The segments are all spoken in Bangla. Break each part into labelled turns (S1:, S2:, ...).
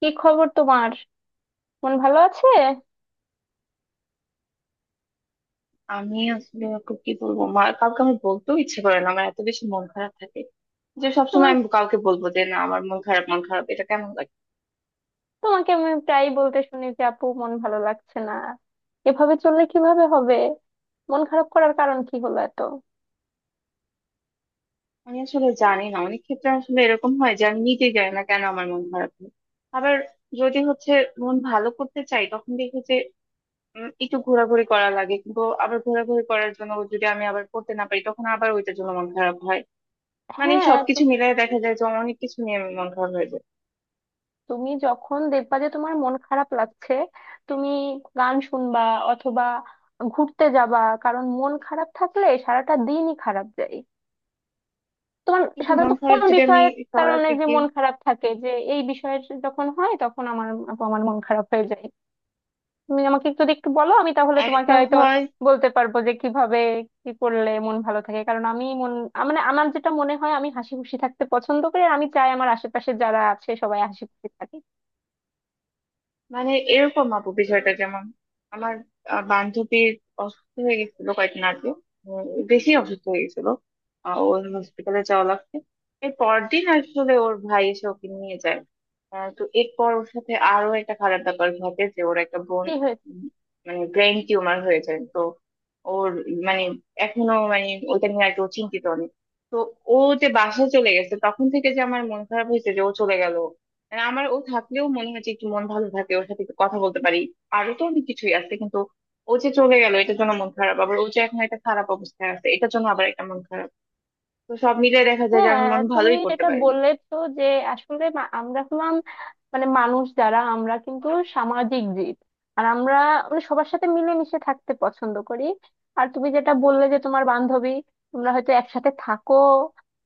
S1: কি খবর তোমার? মন ভালো আছে?
S2: আমি আসলে খুব কি বলবো মা কাউকে আমি বলতেও ইচ্ছে করে না, আমার এত বেশি মন খারাপ থাকে যে সবসময়
S1: তোমার
S2: আমি কাউকে বলবো যে না আমার মন খারাপ। মন খারাপ এটা কেমন লাগে
S1: তোমাকে আমি প্রায় বলতে শুনি যে আপু মন ভালো লাগছে না। এভাবে চললে কিভাবে হবে? মন খারাপ করার কারণ কি হলো এত?
S2: আমি আসলে জানি না। অনেক ক্ষেত্রে আসলে এরকম হয় যে আমি নিজেই জানি না কেন আমার মন খারাপ হয়। আবার যদি হচ্ছে মন ভালো করতে চাই তখন দেখি যে একটু ঘোরাঘুরি করা লাগে, কিন্তু আবার ঘোরাঘুরি করার জন্য যদি আমি আবার করতে না পারি তখন আবার ওইটার জন্য মন খারাপ হয়। মানে
S1: হ্যাঁ,
S2: সবকিছু মিলিয়ে দেখা যায় যে অনেক কিছু নিয়ে আমি মন খারাপ হয়ে যায়।
S1: তুমি যখন দেখবা যে তোমার মন খারাপ লাগছে, তুমি গান শুনবা, অথবা ঘুরতে যাবা। কারণ মন খারাপ থাকলে সারাটা দিনই খারাপ যায়। তোমার
S2: কিন্তু
S1: সাধারণত
S2: মন খারাপ
S1: কোন
S2: যদি আমি
S1: বিষয়ের কারণে
S2: সরাতে
S1: যে
S2: গিয়ে
S1: মন খারাপ থাকে, যে এই বিষয়ের যখন হয় তখন আমার আপু আমার মন খারাপ হয়ে যায়। তুমি আমাকে যদি একটু বলো আমি তাহলে তোমাকে
S2: একটা
S1: হয়তো
S2: হয়,
S1: বলতে পারবো যে কিভাবে কি করলে মন ভালো থাকে, কারণ আমি মন মানে আমার যেটা মনে হয় আমি হাসি খুশি থাকতে পছন্দ করি, আর আমি চাই আমার আশেপাশে যারা আছে সবাই হাসি খুশি থাকে।
S2: মানে এরকম আপু বিষয়টা যেমন আমার বান্ধবীর অসুস্থ হয়ে গেছিল কয়েকদিন আগে। উম, বেশি অসুস্থ হয়ে গেছিল। ওর হসপিটালে যাওয়া লাগছে। এর পরদিন আসলে ওর ভাই এসে ওকে নিয়ে যায়। তো এরপর ওর সাথে আরো একটা খারাপ ব্যাপার ঘটে যে ওর একটা বোন,
S1: কি হয়েছে?
S2: উম, মানে ব্রেন টিউমার হয়ে যায়। তো ওর মানে এখনো মানে ওইটা নিয়ে আর কি ও চিন্তিত অনেক। তো ও যে বাসায় চলে গেছে তখন থেকে যে আমার মন খারাপ হয়েছে যে ও চলে গেল। আর আমার ও থাকলেও মনে হয় যে একটু মন ভালো থাকে, ওর সাথে একটু কথা বলতে পারি। আরো তো অনেক কিছুই আছে কিন্তু ও যে চলে গেল এটার জন্য মন খারাপ, আবার ও যে এখন একটা খারাপ অবস্থায় আছে এটার জন্য আবার একটা মন খারাপ। তো সব মিলে দেখা যায় যে আমি
S1: হ্যাঁ,
S2: মন
S1: তুমি
S2: ভালোই করতে
S1: যেটা
S2: পারিনি।
S1: বললে তো যে আসলে আমরা হলাম মানে মানুষ, যারা আমরা কিন্তু সামাজিক জীব। আর আমরা মানে সবার সাথে মিলেমিশে থাকতে পছন্দ করি। আর তুমি যেটা বললে যে তোমার বান্ধবী তোমরা হয়তো একসাথে থাকো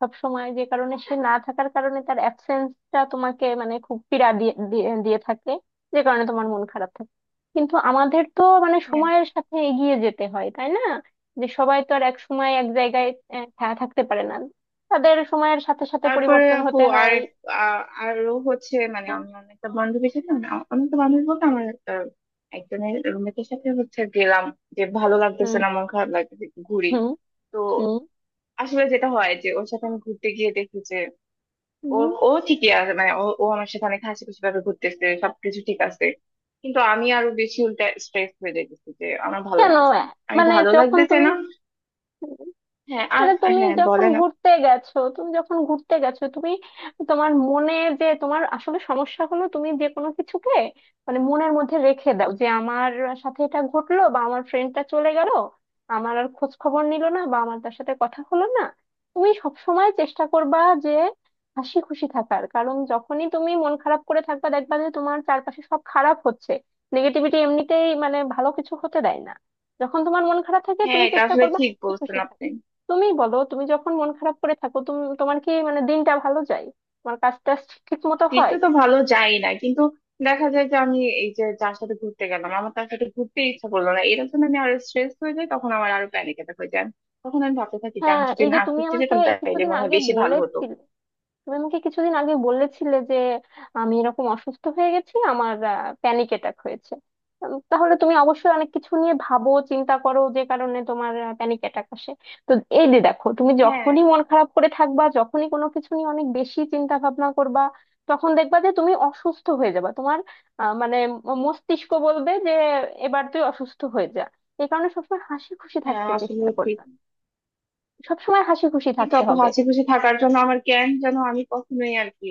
S1: সব সময়, যে কারণে সে না থাকার কারণে তার অ্যাবসেন্সটা তোমাকে মানে খুব পীড়া দিয়ে দিয়ে দিয়ে থাকে, যে কারণে তোমার মন খারাপ থাকে। কিন্তু আমাদের তো মানে
S2: হ্যাঁ।
S1: সময়ের সাথে এগিয়ে যেতে হয় তাই না? যে সবাই তো আর এক সময় এক জায়গায় থাকতে পারে না। তাদের সময়ের সাথে সাথে
S2: তারপরে
S1: পরিবর্তন
S2: আপু
S1: হতে
S2: আর
S1: হয়।
S2: আরো হচ্ছে মানে
S1: হ্যাঁ,
S2: আমি অনেকটা বান্ধবীর সাথে না, অনেকটা বান্ধবী বলতে আমার আহ, একজনের রুমমেটের সাথে হচ্ছে গেলাম যে ভালো লাগতেছে
S1: হুম,
S2: না, মন খারাপ লাগতেছে, একটু ঘুরি।
S1: হুম,
S2: তো
S1: হুম,
S2: আসলে যেটা হয় যে ওর সাথে আমি ঘুরতে গিয়ে দেখি যে ও
S1: হুম।
S2: ও ঠিকই আছে, মানে ও ও আমার সাথে অনেক হাসি খুশি ভাবে ঘুরতেছে, সবকিছু ঠিক আছে। কিন্তু আমি আরো বেশি উল্টা স্ট্রেস হয়ে যাইতেছি যে আমার ভালো
S1: কেন?
S2: লাগতেছে না, আমি
S1: মানে
S2: ভালো
S1: যখন
S2: লাগতেছে
S1: তুমি
S2: না। হ্যাঁ আর।
S1: মানে তুমি
S2: হ্যাঁ
S1: যখন
S2: বলেন
S1: ঘুরতে গেছো তুমি তোমার মনে, যে তোমার আসলে সমস্যা হলো তুমি যে কোনো কিছুকে মানে মনের মধ্যে রেখে দাও যে আমার সাথে এটা ঘটলো, বা আমার ফ্রেন্ডটা চলে গেল আমার আর খোঁজ খবর নিল না, বা আমার তার সাথে কথা হলো না। তুমি সব সময় চেষ্টা করবা যে হাসি খুশি থাকার, কারণ যখনই তুমি মন খারাপ করে থাকবা দেখবা যে তোমার চারপাশে সব খারাপ হচ্ছে। নেগেটিভিটি এমনিতেই মানে ভালো কিছু হতে দেয় না। যখন তোমার মন খারাপ থাকে
S2: হ্যাঁ
S1: তুমি
S2: এটা
S1: চেষ্টা
S2: আসলে
S1: করবা
S2: ঠিক
S1: হাসি
S2: বলছেন
S1: খুশি
S2: আপনি।
S1: থাকার। তুমি বলো, তুমি যখন মন খারাপ করে থাকো তুমি তোমার কি মানে দিনটা ভালো যায়? তোমার কাজটা ঠিক মতো হয়?
S2: দিতে তো ভালো যাই না, কিন্তু দেখা যায় যে আমি এই যে যার সাথে ঘুরতে গেলাম আমার তার সাথে ঘুরতে ইচ্ছা করলো না, এর জন্য আমি আরো স্ট্রেস হয়ে যাই, তখন আমার আরো প্যানিক অ্যাটাক হয়ে যায়। তখন আমি ভাবতে থাকি যে
S1: হ্যাঁ
S2: আমি যদি
S1: এই যে
S2: না
S1: তুমি
S2: ঘুরতে
S1: আমাকে
S2: যেতাম
S1: এই
S2: তাহলে
S1: কিছুদিন
S2: মনে হয়
S1: আগে
S2: বেশি ভালো হতো।
S1: বলেছিলে, তুমি আমাকে কিছুদিন আগে বলেছিলে যে আমি এরকম অসুস্থ হয়ে গেছি, আমার প্যানিক অ্যাটাক হয়েছে। তাহলে তুমি অবশ্যই অনেক কিছু নিয়ে ভাবো চিন্তা করো যে কারণে তোমার প্যানিক অ্যাটাক আসে। তো এই যে দেখো তুমি
S2: হ্যাঁ।
S1: যখনই মন খারাপ করে থাকবা, যখনই কোনো কিছু নিয়ে অনেক বেশি চিন্তা ভাবনা করবা, তখন দেখবা যে তুমি অসুস্থ হয়ে যাবা। তোমার মানে মস্তিষ্ক বলবে যে এবার তুই অসুস্থ হয়ে যা। এই কারণে সবসময় হাসি খুশি
S2: হ্যাঁ
S1: থাকতে
S2: আসলে।
S1: চেষ্টা করবা। সবসময় হাসি খুশি
S2: কিন্তু
S1: থাকতে
S2: অত
S1: হবে।
S2: হাসি খুশি থাকার জন্য আমার জ্ঞান যেন আমি কখনোই আর কি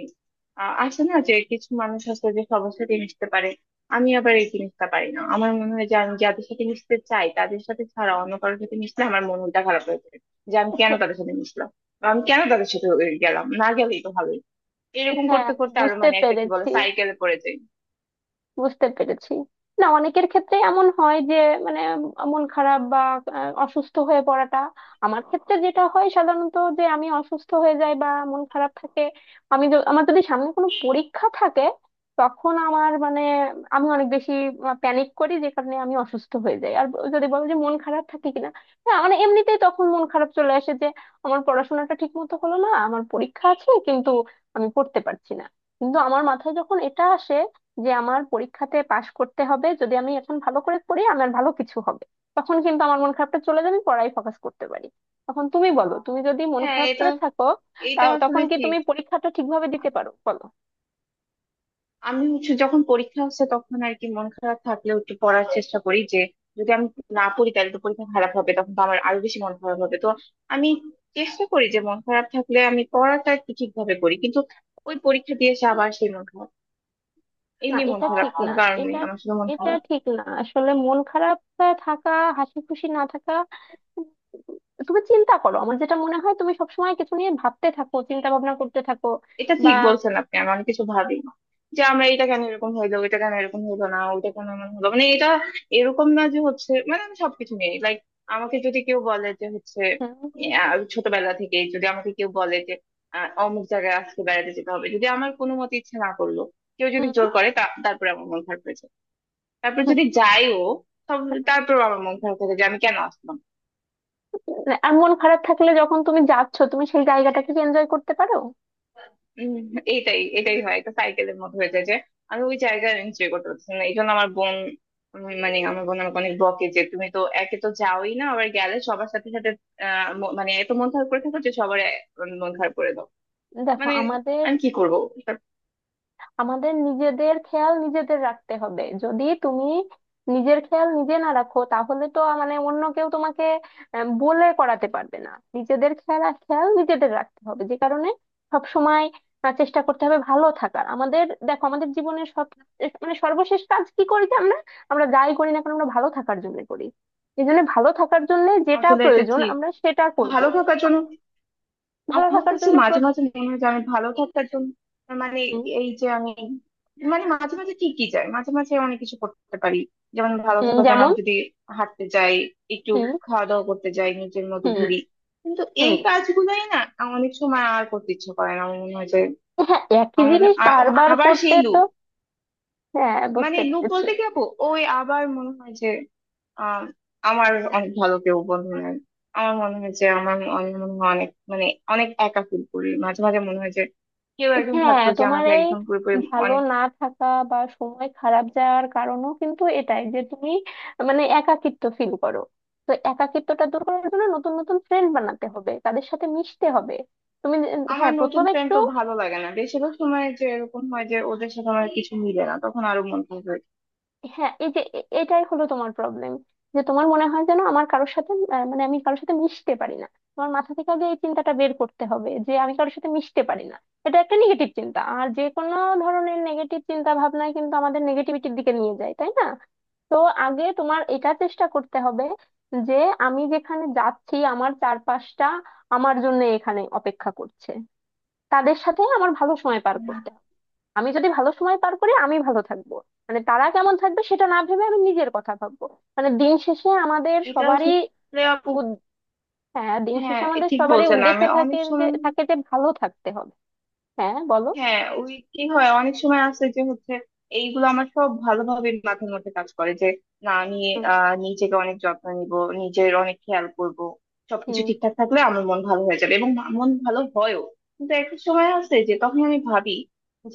S2: আছে না যে কিছু মানুষ আছে যে সবার সাথে মিশতে পারে। আমি আবার এই জিনিসটা পারি না, আমার মনে হয় যে আমি যাদের সাথে মিশতে চাই তাদের সাথে ছাড়া অন্য কারোর সাথে মিশলে আমার মনটা খারাপ হয়ে যায়। যে আমি কেন তাদের সাথে মিশলাম, বা আমি কেন তাদের সাথে গেলাম, না গেলেই তো ভালোই। এরকম
S1: হ্যাঁ
S2: করতে
S1: আমি
S2: করতে আরো
S1: বুঝতে
S2: মানে একটা কি বলে
S1: পেরেছি।
S2: সাইকেলে পড়ে যাই।
S1: বুঝতে পেরেছি। না অনেকের ক্ষেত্রে এমন হয় যে মানে মন খারাপ বা অসুস্থ হয়ে পড়াটা, আমার ক্ষেত্রে যেটা হয় সাধারণত যে আমি অসুস্থ হয়ে যাই বা মন খারাপ থাকে। আমি আমার যদি সামনে কোনো পরীক্ষা থাকে তখন আমার মানে আমি অনেক বেশি প্যানিক করি যে কারণে আমি অসুস্থ হয়ে যাই। আর যদি বলো যে মন খারাপ থাকে কিনা, হ্যাঁ মানে এমনিতেই তখন মন খারাপ চলে আসে যে আমার পড়াশোনাটা ঠিক মতো হলো না, আমার পরীক্ষা আছে কিন্তু আমি পড়তে পারছি না। কিন্তু আমার মাথায় যখন এটা আসে যে আমার পরীক্ষাতে পাশ করতে হবে, যদি আমি এখন ভালো করে পড়ি আমার ভালো কিছু হবে, তখন কিন্তু আমার মন খারাপটা চলে যাবে, পড়ায় ফোকাস করতে পারি। তখন তুমি বলো, তুমি যদি মন
S2: হ্যাঁ
S1: খারাপ
S2: এটা
S1: করে থাকো তা
S2: এটা
S1: তখন
S2: আসলে
S1: কি
S2: ঠিক।
S1: তুমি পরীক্ষাটা ঠিকভাবে দিতে পারো বলো?
S2: আমি হচ্ছে যখন পরীক্ষা হচ্ছে তখন আর কি মন খারাপ থাকলেও একটু পড়ার চেষ্টা করি যে যদি আমি না পড়ি তাহলে তো পরীক্ষা খারাপ হবে, তখন তো আমার আরো বেশি মন খারাপ হবে। তো আমি চেষ্টা করি যে মন খারাপ থাকলে আমি পড়াটা একটু ঠিকভাবে করি, কিন্তু ওই পরীক্ষা দিয়ে এসে আবার সেই মন খারাপ।
S1: না
S2: এমনি মন
S1: এটা
S2: খারাপ
S1: ঠিক না।
S2: কোনো কারণ
S1: এটা
S2: নেই, আমার শুধু মন
S1: এটা
S2: খারাপ।
S1: ঠিক না, আসলে মন খারাপ থাকা, হাসি খুশি না থাকা। তুমি চিন্তা করো আমার যেটা মনে হয় তুমি সবসময় কিছু নিয়ে ভাবতে থাকো, চিন্তা ভাবনা করতে থাকো
S2: এটা
S1: বা।
S2: ঠিক বলছেন আপনি। আমি অনেক কিছু ভাবি না যে আমরা এটা কেন এরকম হইলো, এটা কেন এরকম হইলো না, ওইটা কেন এমন হলো, মানে এটা এরকম না যে হচ্ছে, মানে আমি সবকিছু নিয়ে লাইক আমাকে যদি কেউ বলে যে হচ্ছে
S1: হুম।
S2: ছোটবেলা থেকে যদি আমাকে কেউ বলে যে অমুক জায়গায় আজকে বেড়াতে যেতে হবে, যদি আমার কোনো মতে ইচ্ছে না করলো, কেউ যদি জোর করে তারপরে আমার মন খারাপ হয়েছে। তারপর যদি যাইও তবে
S1: হুম।
S2: তারপর আমার মন খারাপ থাকে যে আমি কেন আসলাম।
S1: মানে আর মন খারাপ থাকলে যখন তুমি যাচ্ছ তুমি সেই জায়গাটাকে এনজয় করতে পারো?
S2: উম, এইটাই এটাই হয়, এটা সাইকেলের মতো হয়ে যায় যে আমি ওই জায়গায় এনজয় করতে পারছি না, এই জন্য আমার বোন মানে
S1: হুম।
S2: আমার বোন আমাকে অনেক বকে যে তুমি তো একে তো যাওই না, আবার গেলে সবার সাথে সাথে মানে এত মন খারাপ করে থাকো যে সবার মন খারাপ করে দাও।
S1: দেখো
S2: মানে
S1: আমাদের
S2: আমি কি করবো।
S1: আমাদের নিজেদের খেয়াল নিজেদের রাখতে হবে। যদি তুমি নিজের খেয়াল নিজে না রাখো তাহলে তো মানে অন্য কেউ তোমাকে বলে করাতে পারবে না। নিজেদের খেয়াল আর খেয়াল নিজেদের রাখতে হবে, যে কারণে সব সময় চেষ্টা করতে হবে ভালো থাকার। আমাদের দেখো আমাদের জীবনের সব মানে সর্বশেষ কাজ কি করি যে আমরা আমরা যাই করি না কেন আমরা ভালো থাকার জন্য করি। এই জন্য ভালো থাকার জন্য যেটা
S2: আসলে এটা
S1: প্রয়োজন
S2: ঠিক,
S1: আমরা সেটা করব।
S2: ভালো থাকার জন্য।
S1: ভালো
S2: আমার
S1: থাকার
S2: কাছে
S1: জন্য
S2: মাঝে মাঝে মনে হয় যে আমি ভালো থাকার জন্য মানে
S1: হুম।
S2: এই যে আমি মানে মাঝে মাঝে ঠিকই যায়, মাঝে মাঝে অনেক কিছু করতে পারি, যেমন ভালো
S1: হুম।
S2: থাকার জন্য
S1: যেমন।
S2: আমি যদি হাঁটতে যাই, একটু
S1: হুম।
S2: খাওয়া দাওয়া করতে যাই, নিজের মতো
S1: হুম।
S2: ঘুরি। কিন্তু এই
S1: হুম।
S2: কাজগুলোই না আমার অনেক সময় আর করতে ইচ্ছে করে না। আমার মনে হয় যে
S1: হ্যাঁ একই
S2: আমার
S1: জিনিস
S2: ও
S1: বারবার
S2: আবার
S1: করতে
S2: সেই
S1: তো।
S2: লুপ।
S1: হ্যাঁ
S2: মানে
S1: বুঝতে
S2: লুপ
S1: পেরেছি।
S2: বলতে কি আপু, ওই আবার মনে হয় যে আহ আমার অনেক ভালো কেউ বন্ধু নাই। আমার মনে হয় যে আমার আমি মনে হয় অনেক মানে অনেক একা ফিল করি। মাঝে মাঝে মনে হয় যে কেউ একজন
S1: হ্যাঁ
S2: থাকতো যে
S1: তোমার
S2: আমাকে
S1: এই
S2: একদম পুরোপুরি
S1: ভালো
S2: অনেক।
S1: না থাকা বা সময় খারাপ যাওয়ার কারণও কিন্তু এটাই যে তুমি মানে একাকিত্ব ফিল করো। তো একাকিত্বটা দূর করার জন্য নতুন নতুন ফ্রেন্ড বানাতে হবে, তাদের সাথে মিশতে হবে। তুমি যে-
S2: আমার
S1: হ্যাঁ
S2: নতুন
S1: প্রথমে
S2: ফ্রেন্ড
S1: একটু।
S2: তো ভালো লাগে না, বেশিরভাগ সময় যে এরকম হয় যে ওদের সাথে আমার কিছু মিলে না, তখন আরো মন খারাপ হয়।
S1: হ্যাঁ এই যে এটাই হলো তোমার প্রবলেম, যে তোমার মনে হয় যেন আমার কারোর সাথে, মানে আমি কারোর সাথে মিশতে পারি না। তোমার মাথা থেকে আগে এই চিন্তাটা বের করতে হবে যে আমি কারোর সাথে মিশতে পারি না। এটা একটা নেগেটিভ চিন্তা, আর যে কোনো ধরনের নেগেটিভ চিন্তা ভাবনায় কিন্তু আমাদের নেগেটিভিটির দিকে নিয়ে যায় তাই না? তো আগে তোমার এটা চেষ্টা করতে হবে, যে আমি যেখানে যাচ্ছি আমার চারপাশটা আমার জন্য এখানে অপেক্ষা করছে, তাদের সাথে আমার ভালো সময় পার করতে। আমি যদি ভালো সময় পার করি আমি ভালো থাকবো। মানে তারা কেমন থাকবে সেটা না ভেবে আমি নিজের কথা ভাববো। মানে দিন শেষে আমাদের
S2: এটা
S1: সবারই
S2: আসলে আপু।
S1: উদ- হ্যাঁ দিন শেষে
S2: হ্যাঁ
S1: আমাদের
S2: ঠিক
S1: সবারই
S2: বলছেন।
S1: উদ্দেশ্য
S2: আমি
S1: থাকে
S2: অনেক
S1: যে
S2: সময়
S1: থাকে যে ভালো থাকতে হবে। হ্যাঁ বলো।
S2: হ্যাঁ ওই কি হয় অনেক সময় আছে যে হচ্ছে এইগুলো আমার সব ভালোভাবে মাথার মধ্যে কাজ করে যে না আমি
S1: হুম।
S2: নিজেকে অনেক যত্ন নিব, নিজের অনেক খেয়াল করব, সবকিছু
S1: হুম।
S2: ঠিকঠাক থাকলে আমার মন ভালো হয়ে যাবে এবং মন ভালো হয়ও। কিন্তু একটা সময় আছে যে তখন আমি ভাবি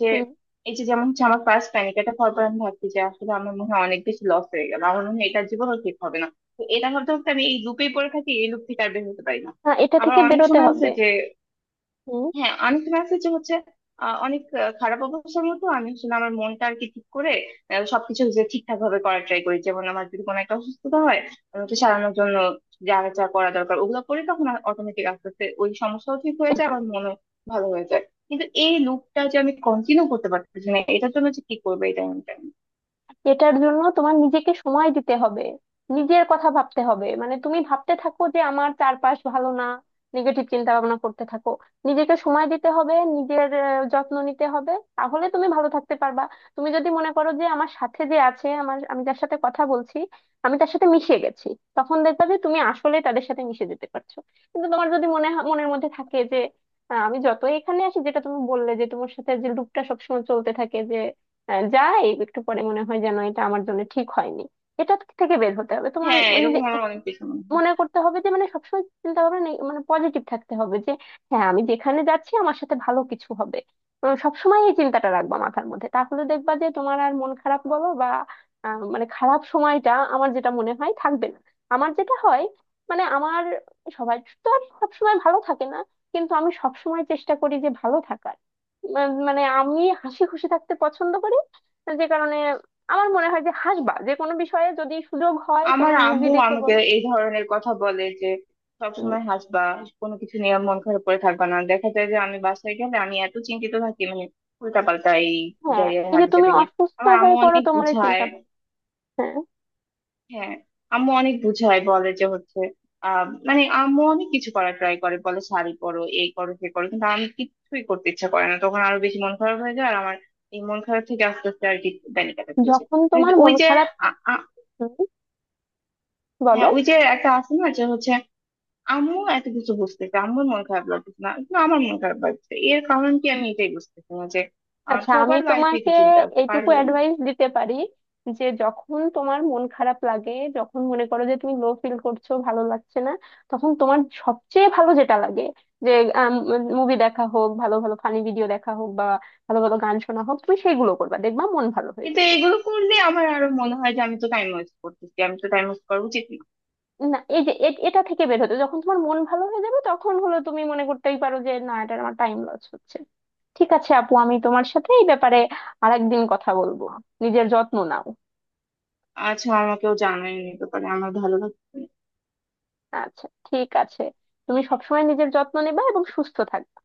S2: যে
S1: হুম।
S2: এই যে যেমন হচ্ছে আমার ফার্স্ট প্যানিক এটা হওয়ার পর আমি ভাবছি যে আসলে আমার মনে হয় অনেক বেশি লস হয়ে গেল, আমার মনে হয় এটা জীবনও ঠিক হবে না। তো এটা ভাবতে ভাবতে আমি এই লুপেই পড়ে থাকি, এই লুপ থেকে আর বের হতে পারি না।
S1: হ্যাঁ এটা
S2: আবার
S1: থেকে
S2: অনেক
S1: বেরোতে
S2: সময় আছে
S1: হবে।
S2: যে
S1: হুম।
S2: হ্যাঁ আমি তো আছে যে হচ্ছে অনেক খারাপ অবস্থার মতো আমি আসলে আমার মনটা আর কি ঠিক করে সবকিছু যে ঠিকঠাক ভাবে করার ট্রাই করি, যেমন আমার যদি কোনো একটা অসুস্থতা হয় আমি ওকে
S1: হুম।
S2: সারানোর জন্য যা যা করা দরকার ওগুলো করে তখন অটোমেটিক আস্তে আস্তে ওই সমস্যাও ঠিক হয়ে যায়, আমার মনও ভালো হয়ে যায়। কিন্তু এই লুপটা যে আমি কন্টিনিউ করতে পারতেছি না এটার জন্য যে কি করবে এটা আমি জানি না।
S1: এটার জন্য তোমার নিজেকে সময় দিতে হবে। নিজের কথা ভাবতে হবে, মানে তুমি ভাবতে থাকো যে আমার চারপাশ ভালো না, নেগেটিভ চিন্তা ভাবনা করতে থাকো। নিজেকে সময় দিতে হবে, নিজের যত্ন নিতে হবে, তাহলে তুমি ভালো থাকতে পারবা। তুমি যদি মনে করো যে আমার সাথে যে আছে, আমার আমি যার সাথে কথা বলছি আমি তার সাথে মিশে গেছি, তখন দেখবা যে তুমি আসলে তাদের সাথে মিশে যেতে পারছো। কিন্তু তোমার যদি মনের মধ্যে থাকে যে আমি যতই এখানে আসি, যেটা তুমি বললে যে তোমার সাথে যে লুপটা সবসময় চলতে থাকে, যাই একটু পরে মনে হয় যেন এটা আমার জন্য ঠিক হয়নি, এটা থেকে বের হতে হবে তোমার,
S2: হ্যাঁ
S1: মানে
S2: এরকম আমার অনেক বেশি মনে হয়।
S1: মনে করতে হবে যে মানে সবসময় চিন্তা ভাবনা নেই, মানে পজিটিভ থাকতে হবে, যে হ্যাঁ আমি যেখানে যাচ্ছি আমার সাথে ভালো কিছু হবে। সবসময় এই চিন্তাটা রাখবা মাথার মধ্যে, তাহলে দেখবা যে তোমার আর মন খারাপ বলো বা মানে খারাপ সময়টা আমার যেটা মনে হয় থাকবে না। আমার যেটা হয়, মানে আমার সবাই তো আর সবসময় ভালো থাকে না, কিন্তু আমি সবসময় চেষ্টা করি যে ভালো থাকার। মানে আমি হাসি খুশি থাকতে পছন্দ করি, যে কারণে আমার মনে হয় যে হাসবা, যে কোনো বিষয়ে যদি সুযোগ হয় কোনো
S2: আমার
S1: মুভি
S2: আম্মু
S1: দেখে
S2: আমাকে
S1: বলো।
S2: এই ধরনের কথা বলে যে সবসময় হাসবা, কোনো কিছু নিয়ে মন খারাপ করে থাকবা না। দেখা যায় যে আমি বাসায় গেলে আমি এত চিন্তিত থাকি, মানে উল্টা পাল্টা এই
S1: হ্যাঁ
S2: ক্যারিয়ার
S1: এই যে
S2: হাবি
S1: তুমি
S2: জাবি নিয়ে।
S1: অসুস্থ
S2: আমার আম্মু
S1: হয়ে পড়ো
S2: অনেক
S1: তোমার এই
S2: বুঝায়।
S1: চিন্তা ভাবনা। হ্যাঁ।
S2: হ্যাঁ আম্মু অনেক বুঝায় বলে যে হচ্ছে
S1: হুম।
S2: মানে আম্মু অনেক কিছু করার ট্রাই করে, বলে শাড়ি পরো এই করো সে করো, কিন্তু আমি কিছুই করতে ইচ্ছা করে না, তখন আরো বেশি মন খারাপ হয়ে যায়। আর আমার এই মন খারাপ থেকে আস্তে আস্তে আর কি ব্যানিক অ্যাটাক হয়েছে।
S1: যখন তোমার
S2: ওই
S1: মন
S2: যে
S1: খারাপ।
S2: আ- আ-
S1: হুম, বলো।
S2: হ্যাঁ ওই যে একটা আছে না যে হচ্ছে আম্মু এত কিছু বুঝতেছে, আম্মুর মন খারাপ লাগতেছে না, কিন্তু আমার মন খারাপ লাগছে, এর কারণ কি আমি এটাই বুঝতেছি না যে আর
S1: আচ্ছা আমি
S2: সবার লাইফে
S1: তোমাকে
S2: একটু চিন্তা আছে
S1: এইটুকু
S2: পারলে নি।
S1: অ্যাডভাইস দিতে পারি, যে যখন তোমার মন খারাপ লাগে, যখন মনে করো যে তুমি লো ফিল করছো ভালো লাগছে না, তখন তোমার সবচেয়ে ভালো যেটা লাগে, যে মুভি দেখা হোক, ভালো ভালো ফানি ভিডিও দেখা হোক, বা ভালো ভালো গান শোনা হোক, তুমি সেগুলো করবা, দেখবা মন ভালো হয়ে
S2: কিন্তু
S1: যাবে।
S2: এগুলো করলে আমার আরো মনে হয় যে আমি তো টাইম ওয়েস্ট করতেছি, আমি তো টাইম ওয়েস্ট করা উচিত না।
S1: না এই যে এটা থেকে বের হতে, যখন তোমার মন ভালো হয়ে যাবে তখন হলো তুমি মনে করতেই পারো যে না এটা আমার টাইম লস হচ্ছে। ঠিক আছে আপু, আমি তোমার সাথে এই ব্যাপারে আরেকদিন কথা বলবো। নিজের যত্ন নাও।
S2: আচ্ছা আমাকেও জানাই নিতে পারে আমার ভালো লাগছে না।
S1: আচ্ছা ঠিক আছে, তুমি সবসময় নিজের যত্ন নেবা এবং সুস্থ থাকবে।